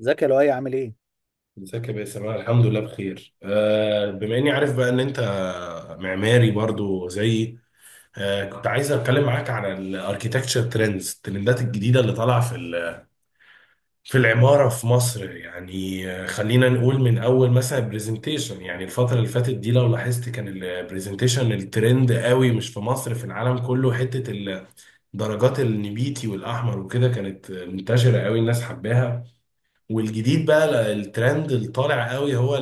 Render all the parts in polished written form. ازيك يا لؤي عامل ايه؟ ازيك يا باسم؟ انا الحمد لله بخير. بما اني عارف بقى ان انت معماري برضو زيي. كنت عايز اتكلم معاك عن الاركيتكتشر ترندز، الترندات الجديده اللي طالعه في في العماره في مصر. خلينا نقول من اول مثلا برزنتيشن. يعني الفتره اللي فاتت دي لو لاحظت كان البرزنتيشن الترند قوي، مش في مصر، في العالم كله. حته درجات النبيتي والاحمر وكده كانت منتشره قوي، الناس حباها. والجديد بقى الترند اللي طالع قوي هو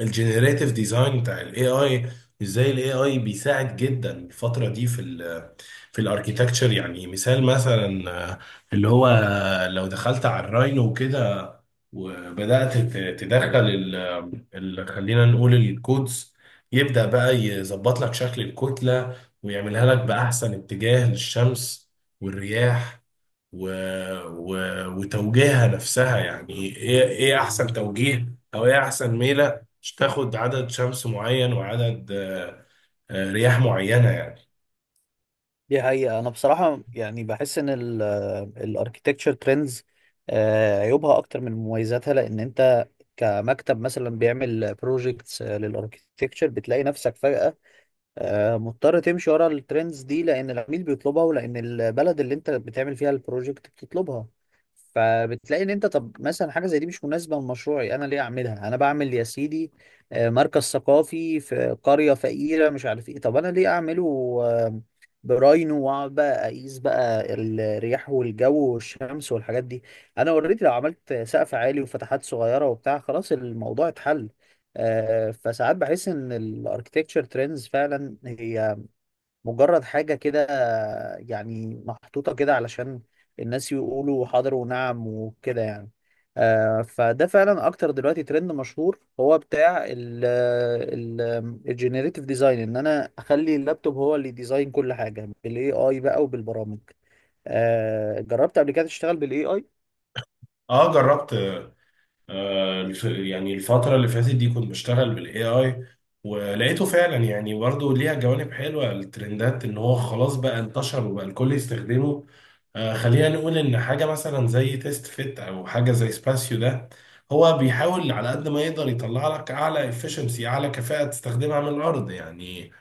الجنريتيف ديزاين بتاع الاي اي. ازاي الاي اي بيساعد جدا الفتره دي في في الاركيتكتشر. يعني مثلا، آه، اللي هو آه، لو دخلت على الراينو وكده وبدات تدخل خلينا نقول الكودز، يبدا بقى يظبط لك شكل الكتله ويعملها لك باحسن اتجاه للشمس والرياح و... و... وتوجيهها نفسها. يعني ايه احسن توجيه او ايه احسن ميله، مش تاخد عدد شمس معين وعدد رياح معينه يعني. دي حقيقة أنا بصراحة يعني بحس إن الأركيتكتشر ترندز عيوبها أكتر من مميزاتها، لأن أنت كمكتب مثلا بيعمل بروجيكتس للأركيتكتشر بتلاقي نفسك فجأة مضطر تمشي ورا الترندز دي، لان العميل بيطلبها ولان البلد اللي انت بتعمل فيها البروجكت بتطلبها. فبتلاقي ان انت طب مثلا حاجه زي دي مش مناسبه لمشروعي، انا ليه اعملها؟ انا بعمل يا سيدي مركز ثقافي في قريه فقيره مش عارف ايه، طب انا ليه اعمله؟ آه، براينو، واقعد بقى اقيس بقى الرياح والجو والشمس والحاجات دي؟ انا اوريدي لو عملت سقف عالي وفتحات صغيره وبتاع خلاص الموضوع اتحل. فساعات بحس ان الاركتكتشر ترندز فعلا هي مجرد حاجه كده، يعني محطوطه كده علشان الناس يقولوا حاضر ونعم وكده يعني. فده فعلا اكتر دلوقتي ترند مشهور هو بتاع الجينيريتيف ديزاين، ان انا اخلي اللابتوب هو اللي ديزاين كل حاجه بالاي اي بقى وبالبرامج. جربت قبل كده تشتغل بالاي اي؟ اه جربت. يعني الفترة اللي فاتت دي كنت بشتغل بالاي اي، ولقيته فعلا يعني برضه ليها جوانب حلوة الترندات، ان هو خلاص بقى انتشر وبقى الكل يستخدمه. خلينا نقول ان حاجة مثلا زي تيست فيت او حاجة زي سباسيو ده، هو بيحاول على قد ما يقدر يطلع لك اعلى efficiency، اعلى كفاءة تستخدمها من الارض يعني.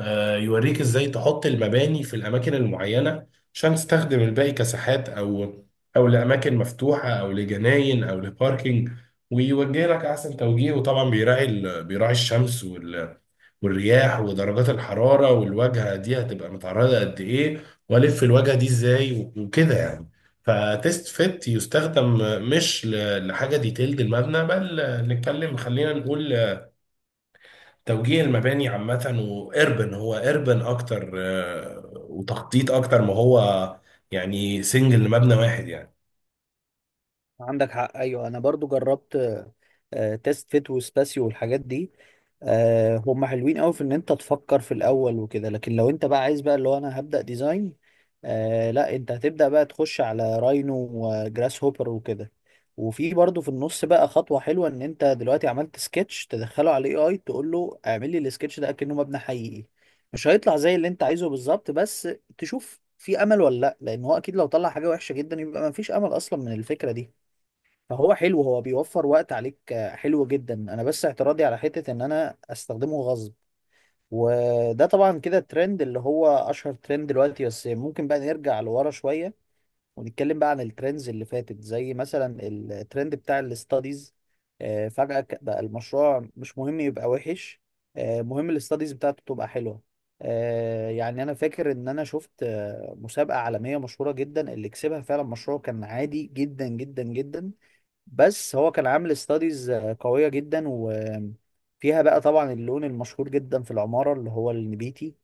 يوريك ازاي تحط المباني في الاماكن المعينه عشان تستخدم الباقي كساحات او لاماكن مفتوحه او لجناين او لباركينج. ويوجه لك احسن توجيه، وطبعا بيراعي بيراعي الشمس والرياح ودرجات الحراره، والواجهه دي هتبقى متعرضه قد ايه، والف الواجهه دي ازاي وكده يعني. فتيست فيت يستخدم مش لحاجه ديتيلد المبنى، بل نتكلم خلينا نقول توجيه المباني عامة. وإربن، هو إربن أكتر، وتخطيط أكتر ما هو يعني سنجل مبنى واحد يعني. عندك حق، ايوه انا برضو جربت تيست فيت وسباسيو والحاجات دي. هم حلوين قوي في ان انت تفكر في الاول وكده، لكن لو انت بقى عايز بقى اللي هو انا هبدأ ديزاين، لا انت هتبدأ بقى تخش على راينو وجراس هوبر وكده. وفي برضو في النص بقى خطوة حلوة ان انت دلوقتي عملت سكتش تدخله على الاي اي تقول له اعمل لي السكتش ده كأنه مبنى حقيقي. مش هيطلع زي اللي انت عايزه بالظبط، بس تشوف في امل ولا لا، لان هو اكيد لو طلع حاجة وحشة جدا يبقى مفيش امل اصلا من الفكرة دي. فهو حلو، هو بيوفر وقت عليك، حلو جدا. انا بس اعتراضي على حتة ان انا استخدمه غصب. وده طبعا كده الترند اللي هو اشهر ترند دلوقتي. بس ممكن بقى نرجع لورا شوية ونتكلم بقى عن الترندز اللي فاتت، زي مثلا الترند بتاع الاستاديز. فجأة بقى المشروع مش مهم يبقى وحش، مهم الاستاديز بتاعته تبقى حلوة. يعني انا فاكر ان انا شفت مسابقة عالمية مشهورة جدا اللي كسبها فعلا مشروع كان عادي جدا جدا جدا، بس هو كان عامل استاديز قوية جدا، وفيها بقى طبعا اللون المشهور جدا في العمارة اللي هو النبيتي.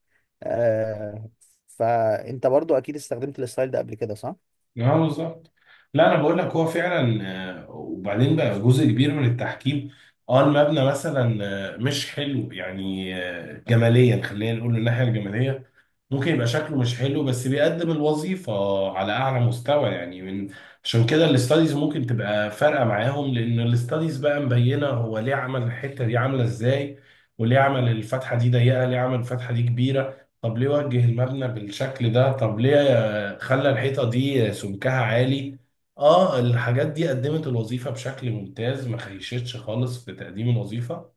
آه، فانت برضو اكيد استخدمت الستايل ده قبل كده، صح؟ اه بالظبط. لا انا بقول لك هو فعلا، وبعدين بقى جزء كبير من التحكيم. اه المبنى مثلا مش حلو يعني، جماليا خلينا نقول، من الناحيه الجماليه ممكن يبقى شكله مش حلو، بس بيقدم الوظيفه على اعلى مستوى يعني. من عشان كده الاستاديز ممكن تبقى فارقه معاهم، لان الاستاديز بقى مبينه هو ليه عمل الحته دي، عامله ازاي، وليه عمل الفتحه دي ضيقه، ليه عمل الفتحه دي كبيره، طب ليه وجه المبنى بالشكل ده، طب ليه خلى الحيطة دي سمكها عالي. اه الحاجات دي قدمت الوظيفة بشكل ممتاز، ما خيشتش خالص في تقديم الوظيفة.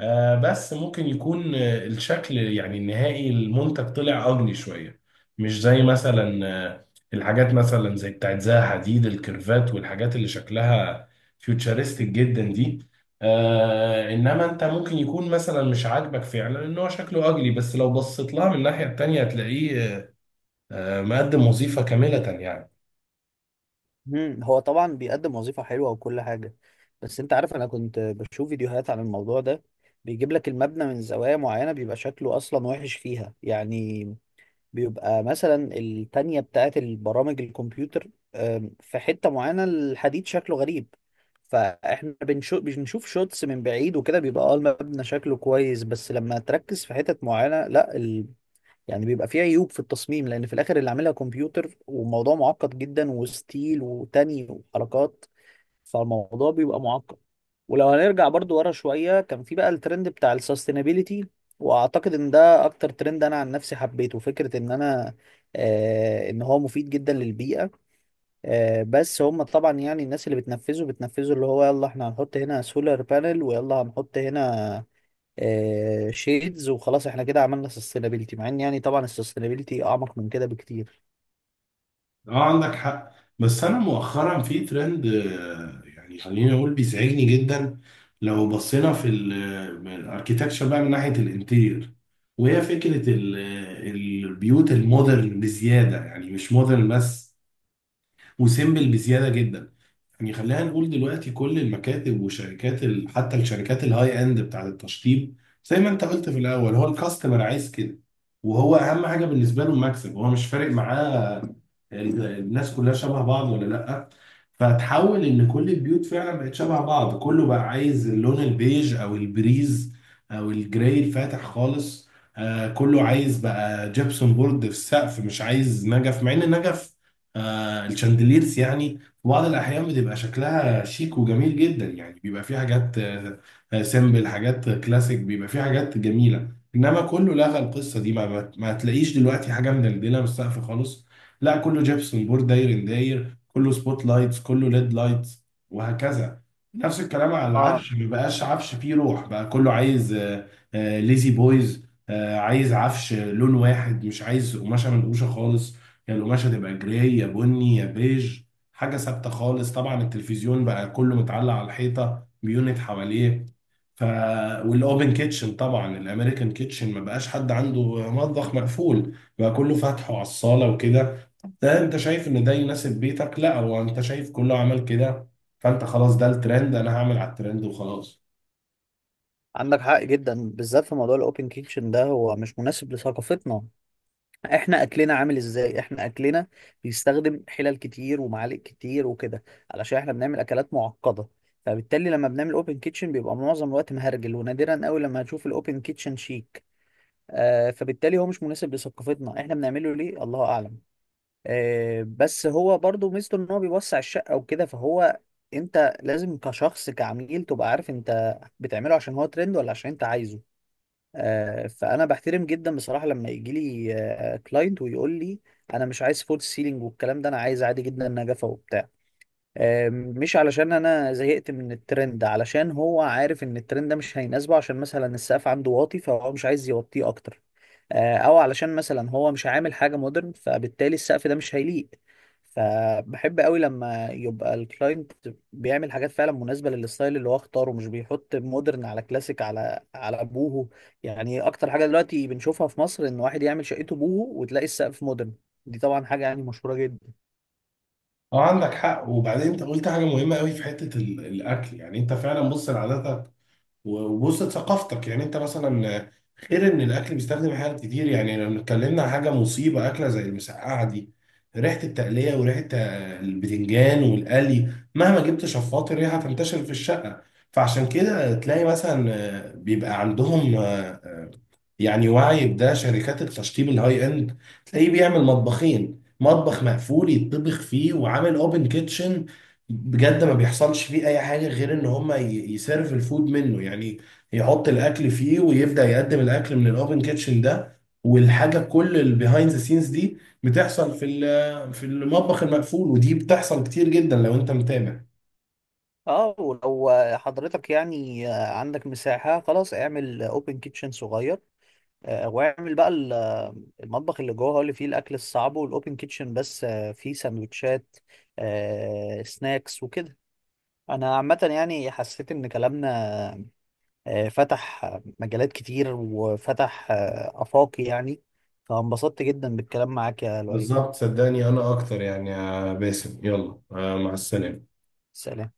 آه بس ممكن يكون الشكل يعني النهائي المنتج طلع أجلي شوية. مش زي مثلا آه، الحاجات مثلا زي بتاعت زها حديد، الكيرفات والحاجات اللي شكلها فيوتشرستيك جدا دي. آه انما انت ممكن يكون مثلا مش عاجبك فعلا ان هو شكله اجلي، بس لو بصيت لها من الناحية التانية هتلاقيه مقدم وظيفة كاملة يعني. مم. هو طبعا بيقدم وظيفة حلوة وكل حاجة، بس انت عارف انا كنت بشوف فيديوهات عن الموضوع ده. بيجيب لك المبنى من زوايا معينة بيبقى شكله اصلا وحش فيها يعني. بيبقى مثلا التانية بتاعت البرامج الكمبيوتر، في حتة معينة الحديد شكله غريب. فاحنا بنشوف شوتس من بعيد وكده بيبقى اه المبنى شكله كويس، بس لما تركز في حتت معينة لا يعني بيبقى فيه عيوب في التصميم، لأن في الآخر اللي عاملها كمبيوتر وموضوع معقد جدا، وستيل وتاني وحركات، فالموضوع بيبقى معقد. ولو هنرجع برضو ورا شوية كان في بقى الترند بتاع السستينابيليتي، واعتقد ان ده اكتر ترند انا عن نفسي حبيته. فكرة ان انا آه ان هو مفيد جدا للبيئة. آه بس هم طبعا يعني الناس اللي بتنفذه بتنفذه اللي هو يلا احنا هنحط هنا سولار بانل، ويلا هنحط هنا آه شيدز، وخلاص احنا كده عملنا سستينابيليتي، مع ان يعني طبعا السستينابيليتي اعمق من كده بكتير. اه عندك حق. بس انا مؤخرا في ترند يعني خليني اقول بيزعجني جدا. لو بصينا في الاركيتكتشر بقى من ناحيه الانتير، وهي فكره البيوت المودرن بزياده، يعني مش مودرن بس، وسيمبل بزياده جدا. يعني خلينا نقول دلوقتي كل المكاتب وشركات حتى الشركات الهاي اند بتاعت التشطيب، زي ما انت قلت في الاول، هو الكاستمر عايز كده، وهو اهم حاجه بالنسبه له المكسب، هو مش فارق معاه الناس كلها شبه بعض ولا لا. فتحول ان كل البيوت فعلا بقت شبه بعض، كله بقى عايز اللون البيج او البريز او الجراي الفاتح خالص. آه كله عايز بقى جبسون بورد في السقف، مش عايز نجف، مع ان نجف، آه الشاندليرز يعني، في بعض الأحيان بتبقى شكلها شيك وجميل جدا. يعني بيبقى فيه حاجات سيمبل، حاجات كلاسيك، بيبقى فيه حاجات جميلة. إنما كله لغى القصة دي، ما هتلاقيش دلوقتي حاجة مدلدلة من السقف خالص. لا كله جبسون بورد داير داير، كله سبوت لايتس، كله ليد لايتس، وهكذا. نفس الكلام على اه العفش، ما بقاش عفش فيه روح، بقى كله عايز ليزي بويز، عايز عفش لون واحد، مش عايز قماشة منقوشة خالص، يا القماشة تبقى جراي يا بني يا بيج، حاجة ثابتة خالص. طبعا التلفزيون بقى كله متعلق على الحيطة، بيونت حواليه. ف والاوبن كيتشن طبعا، الامريكان كيتشن، ما بقاش حد عنده مطبخ مقفول، بقى كله فاتحه على الصالة وكده. ده انت شايف ان ده يناسب بيتك؟ لا، هو انت شايف كله عمل كده فانت خلاص ده الترند، انا هعمل على الترند وخلاص. عندك حق جدا، بالذات في موضوع الاوبن كيتشن ده هو مش مناسب لثقافتنا. احنا اكلنا عامل ازاي؟ احنا اكلنا بيستخدم حلل كتير ومعالق كتير وكده، علشان احنا بنعمل اكلات معقده. فبالتالي لما بنعمل اوبن كيتشن بيبقى معظم الوقت مهرجل، ونادرا قوي لما هتشوف الاوبن كيتشن شيك. آه فبالتالي هو مش مناسب لثقافتنا. احنا بنعمله ليه؟ الله اعلم. آه بس هو برضو ميزته ان هو بيوسع الشقه وكده. فهو انت لازم كشخص كعميل تبقى عارف انت بتعمله عشان هو ترند ولا عشان انت عايزه. فانا بحترم جدا بصراحه لما يجي لي كلاينت ويقول لي انا مش عايز فول سيلينج والكلام ده، انا عايز عادي جدا نجفه وبتاع، مش علشان انا زهقت من الترند، علشان هو عارف ان الترند ده مش هيناسبه، عشان مثلا السقف عنده واطي فهو مش عايز يوطيه اكتر، او علشان مثلا هو مش عامل حاجه مودرن فبالتالي السقف ده مش هيليق. فبحب قوي لما يبقى الكلاينت بيعمل حاجات فعلا مناسبه للستايل اللي هو اختاره، مش بيحط مودرن على كلاسيك على بوهو. يعني اكتر حاجه دلوقتي بنشوفها في مصر ان واحد يعمل شقته بوهو وتلاقي السقف مودرن. دي طبعا حاجه يعني مشهوره جدا. اه عندك حق. وبعدين انت قلت حاجة مهمة قوي في حتة الاكل. يعني انت فعلا بص لعاداتك وبص ثقافتك. يعني انت مثلا، غير ان الاكل بيستخدم حاجات كتير، يعني لو اتكلمنا عن حاجه مصيبه اكله زي المسقعه دي، ريحه التقليه وريحه البتنجان والقلي، مهما جبت شفاط الريحه تنتشر في الشقه. فعشان كده تلاقي مثلا بيبقى عندهم، يعني واعي بده، شركات التشطيب الهاي اند، تلاقيه بيعمل مطبخين، مطبخ مقفول يطبخ فيه، وعامل اوبن كيتشن بجد ما بيحصلش فيه اي حاجه غير ان هما يسيرف الفود منه يعني، يحط الاكل فيه ويبدا يقدم الاكل من الاوبن كيتشن ده، والحاجه كل البيهايند ذا سينز دي بتحصل في في المطبخ المقفول، ودي بتحصل كتير جدا لو انت متابع. اه ولو حضرتك يعني عندك مساحه خلاص اعمل اوبن كيتشن صغير، واعمل بقى المطبخ اللي جوه هو اللي فيه الاكل الصعب، والاوبن كيتشن بس فيه سندوتشات، سناكس وكده. انا عامه يعني حسيت ان كلامنا فتح مجالات كتير، وفتح افاقي يعني. فانبسطت جدا بالكلام معاك يا لؤي. بالظبط، صدقني انا اكتر يعني يا باسم. يلا، مع السلامه. سلام.